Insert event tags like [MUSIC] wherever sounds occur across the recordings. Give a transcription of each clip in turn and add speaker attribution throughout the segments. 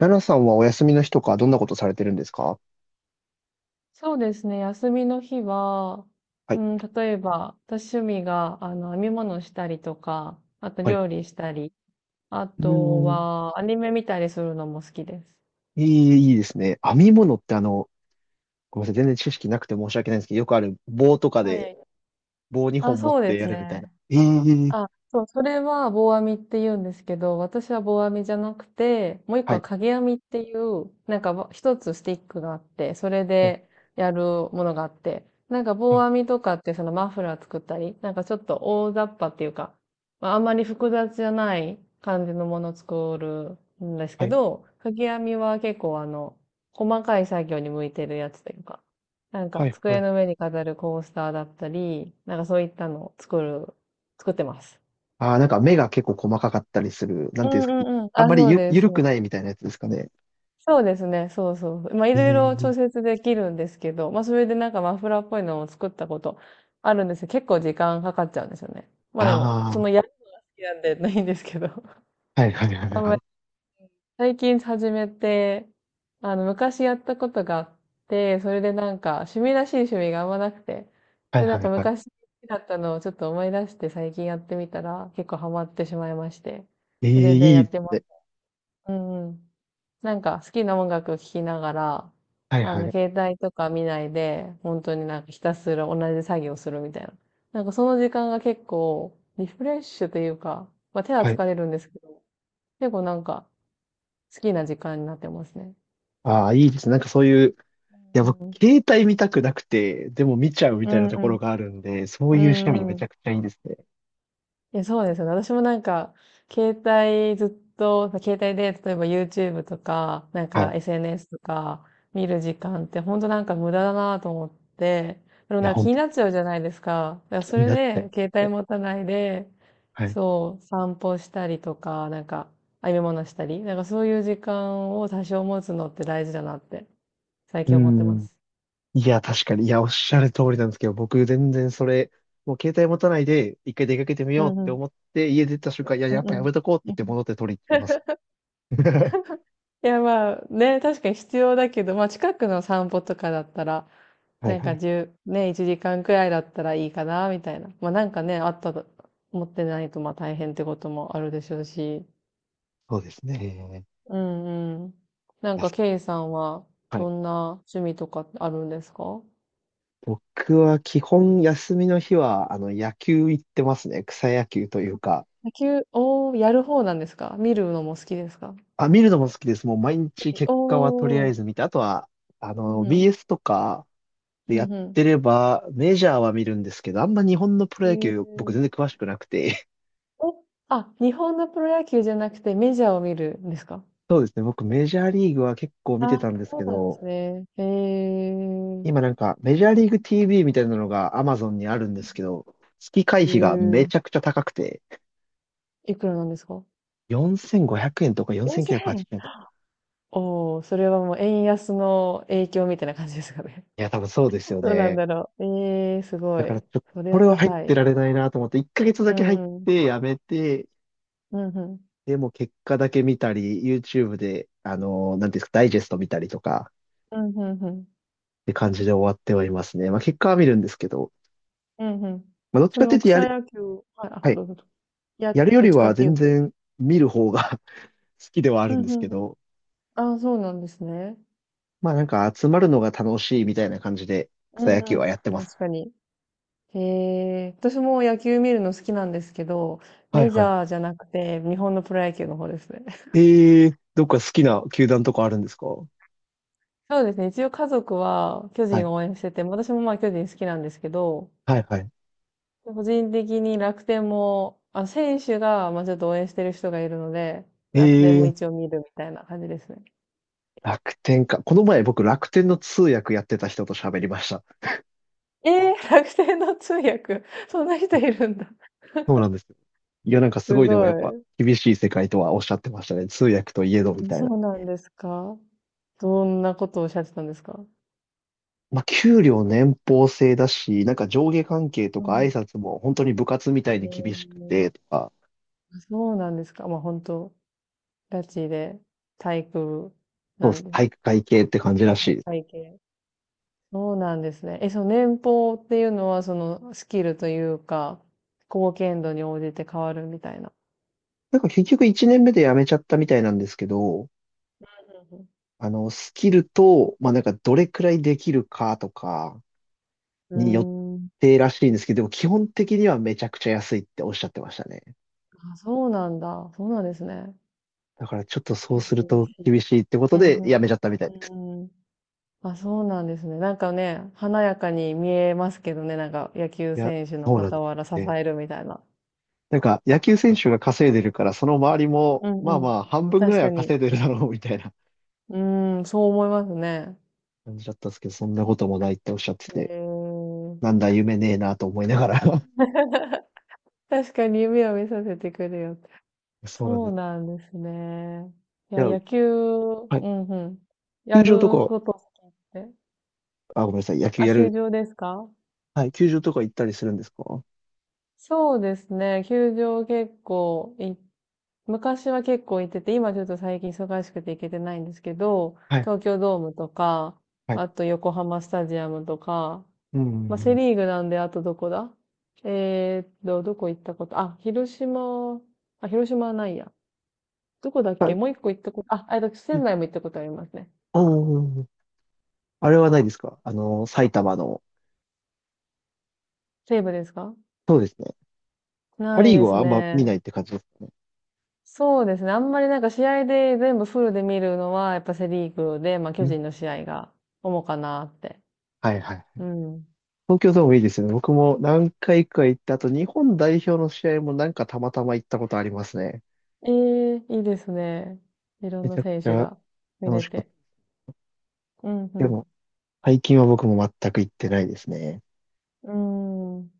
Speaker 1: 奈良さんはお休みの日とかどんなことされてるんですか？
Speaker 2: そうですね。休みの日は、
Speaker 1: は
Speaker 2: う
Speaker 1: い。
Speaker 2: ん、例えば、私趣味が、編み物したりとか、あと
Speaker 1: はい。
Speaker 2: 料理したり、あ
Speaker 1: うー
Speaker 2: と
Speaker 1: ん。
Speaker 2: は、アニメ見たりするのも好きです。
Speaker 1: いいですね。編み物ってごめんなさい。全然知識なくて申し訳ないんですけど、よくある棒とか
Speaker 2: は
Speaker 1: で
Speaker 2: い。
Speaker 1: 棒2
Speaker 2: あ、
Speaker 1: 本持っ
Speaker 2: そうで
Speaker 1: てや
Speaker 2: す
Speaker 1: るみたいな。
Speaker 2: ね。
Speaker 1: ええ。
Speaker 2: あ、そう、それは棒編みって言うんですけど、私は棒編みじゃなくて、もう一
Speaker 1: は
Speaker 2: 個は
Speaker 1: い。
Speaker 2: 影編みっていう、なんかわ一つスティックがあって、それ
Speaker 1: はい。
Speaker 2: でやるものがあって、なんか棒
Speaker 1: あ、
Speaker 2: 編みとかってそのマフラー作ったり、なんかちょっと大雑把っていうか、まあ、あんまり複雑じゃない感じのものを作るんです
Speaker 1: は
Speaker 2: け
Speaker 1: い。
Speaker 2: ど、影編みは結構細かい作業に向いてるやつというか、なん
Speaker 1: は
Speaker 2: か
Speaker 1: い。は
Speaker 2: 机
Speaker 1: い。
Speaker 2: の上に飾るコースターだったり、なんかそういったのを作る作ってます。
Speaker 1: ああ、なんか目が結構細かかったりする。なん
Speaker 2: う
Speaker 1: ていうんで
Speaker 2: ん
Speaker 1: すか？
Speaker 2: うんうん。
Speaker 1: あん
Speaker 2: あ、
Speaker 1: まり
Speaker 2: そうで
Speaker 1: ゆ
Speaker 2: す、
Speaker 1: る
Speaker 2: そ
Speaker 1: く
Speaker 2: うで
Speaker 1: な
Speaker 2: す。
Speaker 1: いみたいなやつですかね。
Speaker 2: そうですね、そうそう。まあ、い
Speaker 1: え
Speaker 2: ろいろ調
Speaker 1: え。
Speaker 2: 節できるんですけど、まあ、それでなんかマフラーっぽいのを作ったことあるんですけど、結構時間かかっちゃうんですよね。まあでも、その
Speaker 1: あ
Speaker 2: やるのが好きなんで [LAUGHS] ないんですけど。
Speaker 1: あー、はいはいは
Speaker 2: [LAUGHS] あ
Speaker 1: い
Speaker 2: ん
Speaker 1: は
Speaker 2: ま
Speaker 1: い。
Speaker 2: り最近始めて、昔やったことがあって、それでなんか、趣味らしい趣味があんまなくて、
Speaker 1: は
Speaker 2: で、
Speaker 1: い
Speaker 2: な
Speaker 1: は
Speaker 2: んか
Speaker 1: いはい。
Speaker 2: 昔好きだったのをちょっと思い出して最近やってみたら、結構ハマってしまいまして、
Speaker 1: え
Speaker 2: それ
Speaker 1: え、
Speaker 2: で
Speaker 1: い
Speaker 2: や
Speaker 1: い
Speaker 2: っ
Speaker 1: です
Speaker 2: てます。
Speaker 1: ね。
Speaker 2: うんうん。なんか好きな音楽聴きながら、
Speaker 1: はいはい。
Speaker 2: 携帯とか見ないで、本当になんかひたすら同じ作業するみたいな。なんかその時間が結構リフレッシュというか、まあ手は
Speaker 1: はい。
Speaker 2: 疲れるんですけど、結構なんか好きな時間になってますね。
Speaker 1: ああ、いいですね。なんかそういう、いや、
Speaker 2: う
Speaker 1: 僕、
Speaker 2: ん。
Speaker 1: 携帯見たくなくて、でも見ちゃうみ
Speaker 2: う
Speaker 1: たい
Speaker 2: ん
Speaker 1: なと
Speaker 2: う
Speaker 1: ころ
Speaker 2: ん。
Speaker 1: があるんで、そう
Speaker 2: う
Speaker 1: いう趣味
Speaker 2: ん
Speaker 1: め
Speaker 2: う
Speaker 1: ち
Speaker 2: ん。
Speaker 1: ゃくちゃいいですね。
Speaker 2: え、そうですよね。私もなんか、携帯ずっと、携帯で、例えば YouTube とか、なん
Speaker 1: はい。
Speaker 2: か
Speaker 1: い
Speaker 2: SNS とか見る時間って本当なんか無駄だなと思って、でも
Speaker 1: や、
Speaker 2: なんか
Speaker 1: ほん
Speaker 2: 気に
Speaker 1: と
Speaker 2: なっちゃうじゃないですか。だから
Speaker 1: 気
Speaker 2: そ
Speaker 1: に
Speaker 2: れ
Speaker 1: なっちゃいま
Speaker 2: で、携
Speaker 1: す
Speaker 2: 帯
Speaker 1: ね。
Speaker 2: 持たないで、
Speaker 1: はい。
Speaker 2: そう、散歩したりとか、なんか、編み物したり、なんかそういう時間を多少持つのって大事だなって、最
Speaker 1: う
Speaker 2: 近思ってま
Speaker 1: ん。
Speaker 2: す。
Speaker 1: いや、確かに。いや、おっしゃる通りなんですけど、僕、全然それ、もう携帯持たないで、一回出かけてみ
Speaker 2: う
Speaker 1: ようっ
Speaker 2: んう
Speaker 1: て
Speaker 2: ん。
Speaker 1: 思って、家出た瞬間、いや、
Speaker 2: うん
Speaker 1: や
Speaker 2: う
Speaker 1: っ
Speaker 2: ん。
Speaker 1: ぱやめとこうって
Speaker 2: う
Speaker 1: 言っ
Speaker 2: ん
Speaker 1: て
Speaker 2: うん。
Speaker 1: 戻って取りに行っちゃいます。[LAUGHS]
Speaker 2: いや、まあ、ね、確かに必要だけど、まあ、近くの散歩とかだったら、
Speaker 1: はい
Speaker 2: なん
Speaker 1: は
Speaker 2: か
Speaker 1: い。
Speaker 2: 1ね、1時間くらいだったらいいかな、みたいな。まあ、なんかね、あったと、持ってないと、まあ、大変ってこともあるでしょうし。
Speaker 1: そうですね。い
Speaker 2: うんうん。なん
Speaker 1: や、
Speaker 2: か、ケイさんは、
Speaker 1: は
Speaker 2: ど
Speaker 1: い。
Speaker 2: んな趣味とかあるんですか？
Speaker 1: 僕は基本休みの日は、野球行ってますね。草野球というか。
Speaker 2: 野球、おー、やる方なんですか？見るのも好きですか？
Speaker 1: あ、見るのも好きです。もう毎日結
Speaker 2: お
Speaker 1: 果はとりあえ
Speaker 2: ー、
Speaker 1: ず見て、あとは、
Speaker 2: うん
Speaker 1: BS とか
Speaker 2: う
Speaker 1: で
Speaker 2: ん、
Speaker 1: や
Speaker 2: うん
Speaker 1: っ
Speaker 2: う
Speaker 1: てれば、メジャーは見るんですけど、あんま日本
Speaker 2: ん。
Speaker 1: のプロ野球、僕全然詳しくなくて。
Speaker 2: あ、日本のプロ野球じゃなくてメジャーを見るんですか？
Speaker 1: [LAUGHS] そうですね、僕メジャーリーグは結構見て
Speaker 2: あ、
Speaker 1: たんです
Speaker 2: そ
Speaker 1: け
Speaker 2: うなんです
Speaker 1: ど、
Speaker 2: ね。へえ。
Speaker 1: 今なんかメジャーリーグ TV みたいなのが Amazon にあるんですけど、月
Speaker 2: え
Speaker 1: 会費がめ
Speaker 2: え。
Speaker 1: ちゃくちゃ高くて、
Speaker 2: いくらなんですか？
Speaker 1: 4500円とか4980
Speaker 2: 4,000 円。
Speaker 1: 円とか。
Speaker 2: おお、それはもう円安の影響みたいな感じですかね。
Speaker 1: いや、多分そうです
Speaker 2: [LAUGHS]
Speaker 1: よ
Speaker 2: どうなん
Speaker 1: ね。
Speaker 2: だろう。ええ、すご
Speaker 1: だから
Speaker 2: い。
Speaker 1: ちょっと、
Speaker 2: それ
Speaker 1: こ
Speaker 2: は
Speaker 1: れは入っ
Speaker 2: 高
Speaker 1: て
Speaker 2: い。
Speaker 1: られないなと思って、1ヶ月だ
Speaker 2: う
Speaker 1: け入っ
Speaker 2: んうん。
Speaker 1: てやめて、
Speaker 2: うんうん。
Speaker 1: でも結果だけ見たり、YouTube で、なんていうんですか、ダイジェスト見たりとか、
Speaker 2: うんうんうん。
Speaker 1: って感じで終わってはいますね。まあ結果は見るんですけど、
Speaker 2: うんうん。
Speaker 1: まあどっち
Speaker 2: そ
Speaker 1: かってい
Speaker 2: の
Speaker 1: うとや
Speaker 2: 草
Speaker 1: る、
Speaker 2: 野球、はい、あ、
Speaker 1: はい、
Speaker 2: どうぞ。いや、
Speaker 1: やるよ
Speaker 2: どっ
Speaker 1: り
Speaker 2: ちか
Speaker 1: は
Speaker 2: ってい
Speaker 1: 全
Speaker 2: うと。
Speaker 1: 然見る方が [LAUGHS] 好きではあ
Speaker 2: う
Speaker 1: る
Speaker 2: ん
Speaker 1: ん
Speaker 2: う
Speaker 1: ですけ
Speaker 2: んうん。
Speaker 1: ど、
Speaker 2: ああ、そうなんですね。
Speaker 1: まあなんか集まるのが楽しいみたいな感じで
Speaker 2: う
Speaker 1: 草野球
Speaker 2: んう
Speaker 1: はや
Speaker 2: ん。
Speaker 1: ってます。
Speaker 2: 確かに。へえ、私も野球見るの好きなんですけど、
Speaker 1: はい
Speaker 2: メジ
Speaker 1: は
Speaker 2: ャーじゃなくて、日本のプロ野球の方ですね。
Speaker 1: い。
Speaker 2: [LAUGHS]
Speaker 1: どっか好きな球団とかあるんですか？は
Speaker 2: そうですね。一応家族は巨人
Speaker 1: い。
Speaker 2: を応援してて、私もまあ巨人好きなんですけど、
Speaker 1: はいはい。
Speaker 2: 個人的に楽天も、あ、選手がまあちょっと応援してる人がいるので、
Speaker 1: え
Speaker 2: 楽天も
Speaker 1: ー、
Speaker 2: 一応見るみたいな感じですね。
Speaker 1: 楽天か。この前僕楽天の通訳やってた人と喋りました。
Speaker 2: えー、楽天の通訳、そんな人いるんだ。
Speaker 1: そうなんですよ。いや、なんかす
Speaker 2: す
Speaker 1: ごい、でも
Speaker 2: ご
Speaker 1: やっぱ
Speaker 2: い。
Speaker 1: 厳しい世界とはおっしゃってましたね。通訳といえどみたい
Speaker 2: そ
Speaker 1: な。
Speaker 2: うなんですか？どんなことをおっしゃってたんですか？
Speaker 1: まあ、給料年俸制だし、なんか上下関係と
Speaker 2: う
Speaker 1: か挨
Speaker 2: ん。
Speaker 1: 拶も本当に部活みたい
Speaker 2: え
Speaker 1: に厳しくてと
Speaker 2: ー、
Speaker 1: か、
Speaker 2: そうなんですか。まあ、本当ガチで体育
Speaker 1: そう
Speaker 2: な
Speaker 1: で
Speaker 2: ん
Speaker 1: す。
Speaker 2: です
Speaker 1: 体
Speaker 2: よ。
Speaker 1: 育会系って感じらしいです。
Speaker 2: 体会系。そうなんですね。え、その年俸っていうのは、そのスキルというか、貢献度に応じて変わるみたいな。
Speaker 1: なんか結局1年目で辞めちゃったみたいなんですけど、スキルと、まあ、なんかどれくらいできるかとか
Speaker 2: う
Speaker 1: によっ
Speaker 2: ん、うん。うーん。
Speaker 1: てらしいんですけど、でも基本的にはめちゃくちゃ安いっておっしゃってましたね。
Speaker 2: あ、そうなんだ。そうなんですね。
Speaker 1: だからちょっとそう
Speaker 2: 結
Speaker 1: する
Speaker 2: 構厳
Speaker 1: と
Speaker 2: しい。
Speaker 1: 厳しいってこと
Speaker 2: うんう
Speaker 1: で辞め
Speaker 2: ん。
Speaker 1: ちゃったみたいです。
Speaker 2: うんうん。あ、そうなんですね。なんかね、華やかに見えますけどね、なんか野球
Speaker 1: いや、
Speaker 2: 選手の
Speaker 1: そうなんで
Speaker 2: 傍ら支
Speaker 1: すよね。
Speaker 2: えるみたいな。
Speaker 1: なんか、野球選手が稼いでるから、その周りも、
Speaker 2: うん
Speaker 1: まあ
Speaker 2: う
Speaker 1: ま
Speaker 2: ん。
Speaker 1: あ、半分ぐら
Speaker 2: 確
Speaker 1: いは
Speaker 2: かに。
Speaker 1: 稼いでるだろう、みたいな
Speaker 2: うーん、そう思いますね。
Speaker 1: [LAUGHS] 感じだったんですけど、そんなこともないっておっしゃって
Speaker 2: へ
Speaker 1: て、
Speaker 2: えー。
Speaker 1: なんだ、夢ねえなと思いながら。
Speaker 2: 確かに夢を見させてくれよって。
Speaker 1: [LAUGHS] そうなん
Speaker 2: そ
Speaker 1: で
Speaker 2: う
Speaker 1: す。
Speaker 2: なんですね。い
Speaker 1: い
Speaker 2: や、
Speaker 1: や、
Speaker 2: 野球、
Speaker 1: はい。
Speaker 2: うんうん。
Speaker 1: 球
Speaker 2: や
Speaker 1: 場と
Speaker 2: る
Speaker 1: か、
Speaker 2: こと好きって。
Speaker 1: あ、ごめんなさい、野球
Speaker 2: あ、
Speaker 1: や
Speaker 2: 球
Speaker 1: る。
Speaker 2: 場ですか？
Speaker 1: はい、球場とか行ったりするんですか？は
Speaker 2: そうですね。球場結構い、昔は結構行ってて、今ちょっと最近忙しくて行けてないんですけど、
Speaker 1: い、
Speaker 2: 東京ドームとか、
Speaker 1: はい。
Speaker 2: あと横浜スタジアムとか、
Speaker 1: うん、う
Speaker 2: まあ、
Speaker 1: んう
Speaker 2: セ
Speaker 1: ん。
Speaker 2: リーグなんで、あとどこだ？えーっと、どこ行ったことあ、広島、あ、広島はないや。どこだっ
Speaker 1: は
Speaker 2: け
Speaker 1: い。
Speaker 2: もう一個行ったこと、あ、あ、
Speaker 1: う
Speaker 2: 仙
Speaker 1: ん
Speaker 2: 台も行ったことありますね。
Speaker 1: うんうん。あれはないですか？埼玉の。
Speaker 2: 西武ですか？
Speaker 1: そうですね。パ・
Speaker 2: ない
Speaker 1: リー
Speaker 2: で
Speaker 1: グ
Speaker 2: す
Speaker 1: はあんま見ない
Speaker 2: ね。
Speaker 1: って感じですかね。
Speaker 2: そうですね。あんまりなんか試合で全部フルで見るのは、やっぱセリーグで、まあ、
Speaker 1: う
Speaker 2: 巨
Speaker 1: ん。
Speaker 2: 人の試合が主かなって。
Speaker 1: はいは
Speaker 2: う
Speaker 1: い。
Speaker 2: ん。
Speaker 1: 東京ドームいいですよね。僕も何回か行った後、日本代表の試合もなんかたまたま行ったことありますね。
Speaker 2: ええ、いいですね。いろん
Speaker 1: めち
Speaker 2: な
Speaker 1: ゃく
Speaker 2: 選
Speaker 1: ち
Speaker 2: 手
Speaker 1: ゃ
Speaker 2: が見
Speaker 1: 楽
Speaker 2: れ
Speaker 1: しかっ
Speaker 2: て。うん、う
Speaker 1: た。でも、
Speaker 2: ん。
Speaker 1: 最近は僕も全く行ってないですね。
Speaker 2: うーん。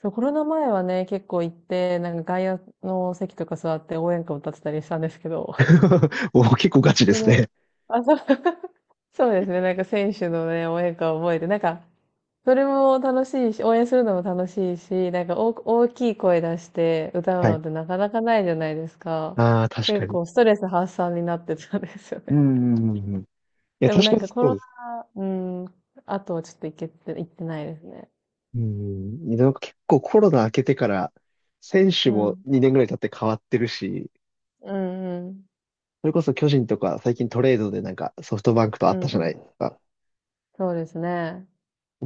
Speaker 2: そう、コロナ前はね、結構行って、なんか外野の席とか座って応援歌歌ってたりしたんですけど、
Speaker 1: [LAUGHS] お、結構ガ
Speaker 2: [LAUGHS]
Speaker 1: チ
Speaker 2: そ
Speaker 1: ですね。
Speaker 2: の、あ、そう、[LAUGHS] そうですね、なんか選手のね、応援歌を覚えて、なんか、それも楽しいし、応援するのも楽しいし、なんか大、大きい声出して歌う
Speaker 1: は
Speaker 2: の
Speaker 1: い。
Speaker 2: ってなかなかないじゃないですか。
Speaker 1: ああ、確か
Speaker 2: 結
Speaker 1: に。
Speaker 2: 構ストレス発散になってたんですよ
Speaker 1: う
Speaker 2: ね。
Speaker 1: ん、うんうんうん。い
Speaker 2: [LAUGHS]
Speaker 1: や、
Speaker 2: でも
Speaker 1: 確
Speaker 2: な
Speaker 1: か
Speaker 2: ん
Speaker 1: に
Speaker 2: かコ
Speaker 1: そう
Speaker 2: ロ
Speaker 1: です。
Speaker 2: ナ、うん、あとはちょっと行けて、行ってないですね。
Speaker 1: うん。なんか結構コロナ明けてから、選手
Speaker 2: う
Speaker 1: も
Speaker 2: ん。
Speaker 1: 2年ぐらい経って変わってるし、
Speaker 2: うんうん。
Speaker 1: それこそ巨人とか最近トレードでなんかソフトバンクと会
Speaker 2: う
Speaker 1: っ
Speaker 2: ん
Speaker 1: たじ
Speaker 2: う
Speaker 1: ゃない
Speaker 2: ん。
Speaker 1: ですか。
Speaker 2: そうですね。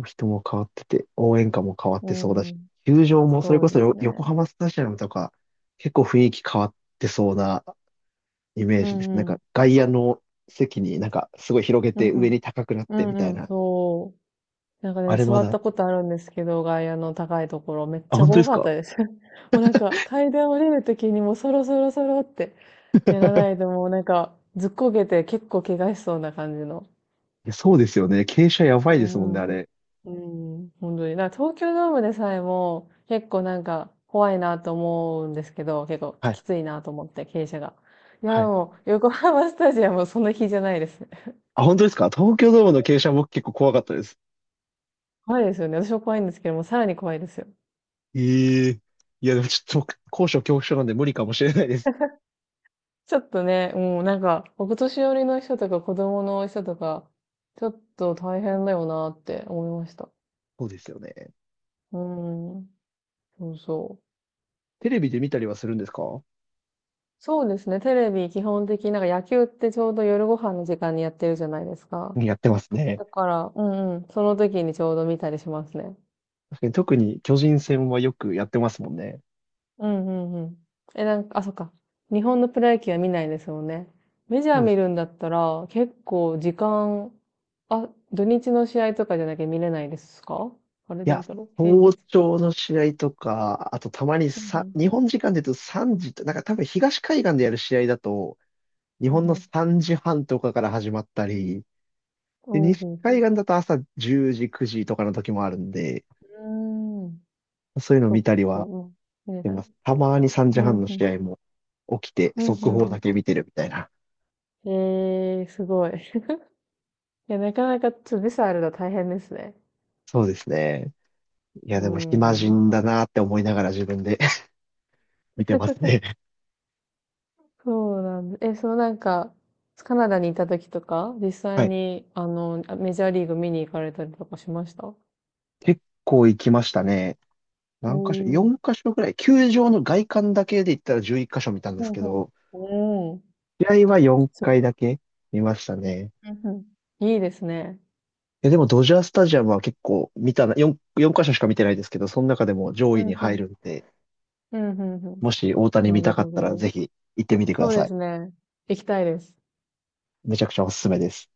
Speaker 1: 人も変わってて、応援歌も変わっ
Speaker 2: う
Speaker 1: てそうだし、
Speaker 2: ん。
Speaker 1: 球場もそれ
Speaker 2: そう
Speaker 1: こ
Speaker 2: で
Speaker 1: そ
Speaker 2: すね。
Speaker 1: 横浜スタジアムとか、結構雰囲気変わってそうなイメー
Speaker 2: う
Speaker 1: ジです。
Speaker 2: ん
Speaker 1: なん
Speaker 2: うん。
Speaker 1: か外野の席になんかすごい広げ
Speaker 2: う
Speaker 1: て
Speaker 2: んう
Speaker 1: 上
Speaker 2: ん。
Speaker 1: に高くなっ
Speaker 2: う
Speaker 1: てみた
Speaker 2: ん
Speaker 1: い
Speaker 2: うん。
Speaker 1: な。
Speaker 2: そう。なんか
Speaker 1: あ
Speaker 2: ね、
Speaker 1: れ
Speaker 2: 座
Speaker 1: ま
Speaker 2: っ
Speaker 1: だ、
Speaker 2: たことあるんですけど、外野の高いところ、めっ
Speaker 1: あ、
Speaker 2: ちゃ
Speaker 1: 本当で
Speaker 2: 怖
Speaker 1: す
Speaker 2: かっ
Speaker 1: か？
Speaker 2: たです。[LAUGHS] もうなんか、階段降りるときにもうそろそろそろってやらないともうなんか、ずっこけて結構怪我しそうな感じの。
Speaker 1: いや、そうですよね。傾斜やば
Speaker 2: うー
Speaker 1: いですもんね、あ
Speaker 2: ん。う
Speaker 1: れ。
Speaker 2: ーん、本当になんか東京ドームでさえも、結構なんか、怖いなと思うんですけど、結構
Speaker 1: はい、
Speaker 2: きついなと思って、傾斜が。いや、
Speaker 1: は
Speaker 2: で
Speaker 1: い。
Speaker 2: も、横浜スタジアムはそんなじゃないですね。
Speaker 1: あ、本当ですか？東京ドームの傾斜僕結構怖かったです。
Speaker 2: [LAUGHS] 怖いですよね。私も怖いんですけども、さらに怖いですよ。
Speaker 1: ええ。いや、でもちょっと僕、高所恐怖症なんで無理かもしれないです。
Speaker 2: ちょっとね、もうんなんか、お年寄りの人とか子供の人とか、ちょっと大変だよなって思いました。
Speaker 1: そうですよね。
Speaker 2: うーん。そうそう。
Speaker 1: テレビで見たりはするんですか？
Speaker 2: そうですね、テレビ基本的になんか野球ってちょうど夜ご飯の時間にやってるじゃないですか。
Speaker 1: やってますね。
Speaker 2: だから、うんうん、その時にちょうど見たりしますね。
Speaker 1: 確かに特に巨人戦はよくやってますもんね。
Speaker 2: うんうんうん。え、なんか、あ、そっか。日本のプロ野球は見ないですもんね。メジャ
Speaker 1: そ
Speaker 2: ー
Speaker 1: うで
Speaker 2: 見る
Speaker 1: す。
Speaker 2: んだったら、結構時間、あ、土日の試合とかじゃなきゃ見れないですか？あれ
Speaker 1: い
Speaker 2: ど
Speaker 1: や、
Speaker 2: うだろう平
Speaker 1: 早
Speaker 2: 日。
Speaker 1: 朝の試合とか、あとたまに
Speaker 2: うんう
Speaker 1: さ、
Speaker 2: ん。
Speaker 1: 日本時間で言うと3時と、なんか多分東海岸でやる試合だと、日本
Speaker 2: う
Speaker 1: の
Speaker 2: んうん。
Speaker 1: 3時半とかから始まったり、で、
Speaker 2: おう
Speaker 1: 西
Speaker 2: ほうほ
Speaker 1: 海
Speaker 2: う。
Speaker 1: 岸だと朝10時、9時とかの時もあるんで、
Speaker 2: うーん。
Speaker 1: そういうの
Speaker 2: そっ
Speaker 1: 見たり
Speaker 2: か、
Speaker 1: は
Speaker 2: うん。見
Speaker 1: し
Speaker 2: れ
Speaker 1: て
Speaker 2: た
Speaker 1: ま
Speaker 2: ね。
Speaker 1: す。たまに3
Speaker 2: う
Speaker 1: 時
Speaker 2: ん
Speaker 1: 半の
Speaker 2: うん。
Speaker 1: 試合も起きて、
Speaker 2: うんう
Speaker 1: 速報だ
Speaker 2: ん
Speaker 1: け見てるみたいな。
Speaker 2: うん。えー、すごい。[LAUGHS] いや、なかなかちょっとビザあるの大変ですね。
Speaker 1: そうですね。いや、
Speaker 2: う
Speaker 1: でも暇
Speaker 2: ん。
Speaker 1: 人だなって思いながら自分で [LAUGHS] 見てますね。
Speaker 2: そうなんです。え、そのなんか、カナダにいた時とか、実
Speaker 1: は
Speaker 2: 際
Speaker 1: い。
Speaker 2: に、メジャーリーグ見に行かれたりとかしました？
Speaker 1: 結構行きましたね。
Speaker 2: お
Speaker 1: 何箇所？
Speaker 2: ー。
Speaker 1: 4 箇所ぐらい。球場の外観だけで言ったら11箇所見たんです
Speaker 2: ほう
Speaker 1: け
Speaker 2: ほう。
Speaker 1: ど、
Speaker 2: おー。
Speaker 1: 試合は4
Speaker 2: すご
Speaker 1: 回だけ見ましたね。
Speaker 2: い。うんうん。いいですね。
Speaker 1: え、でもドジャースタジアムは結構見たな、4箇所しか見てないですけど、その中でも上
Speaker 2: う
Speaker 1: 位に
Speaker 2: んう
Speaker 1: 入
Speaker 2: ん。
Speaker 1: るんで、
Speaker 2: うんうんうん。
Speaker 1: もし大谷
Speaker 2: な
Speaker 1: 見た
Speaker 2: る
Speaker 1: かっ
Speaker 2: ほ
Speaker 1: たら
Speaker 2: ど。
Speaker 1: ぜひ行ってみてくだ
Speaker 2: そうで
Speaker 1: さい。
Speaker 2: すね。行きたいです。
Speaker 1: めちゃくちゃおすすめです。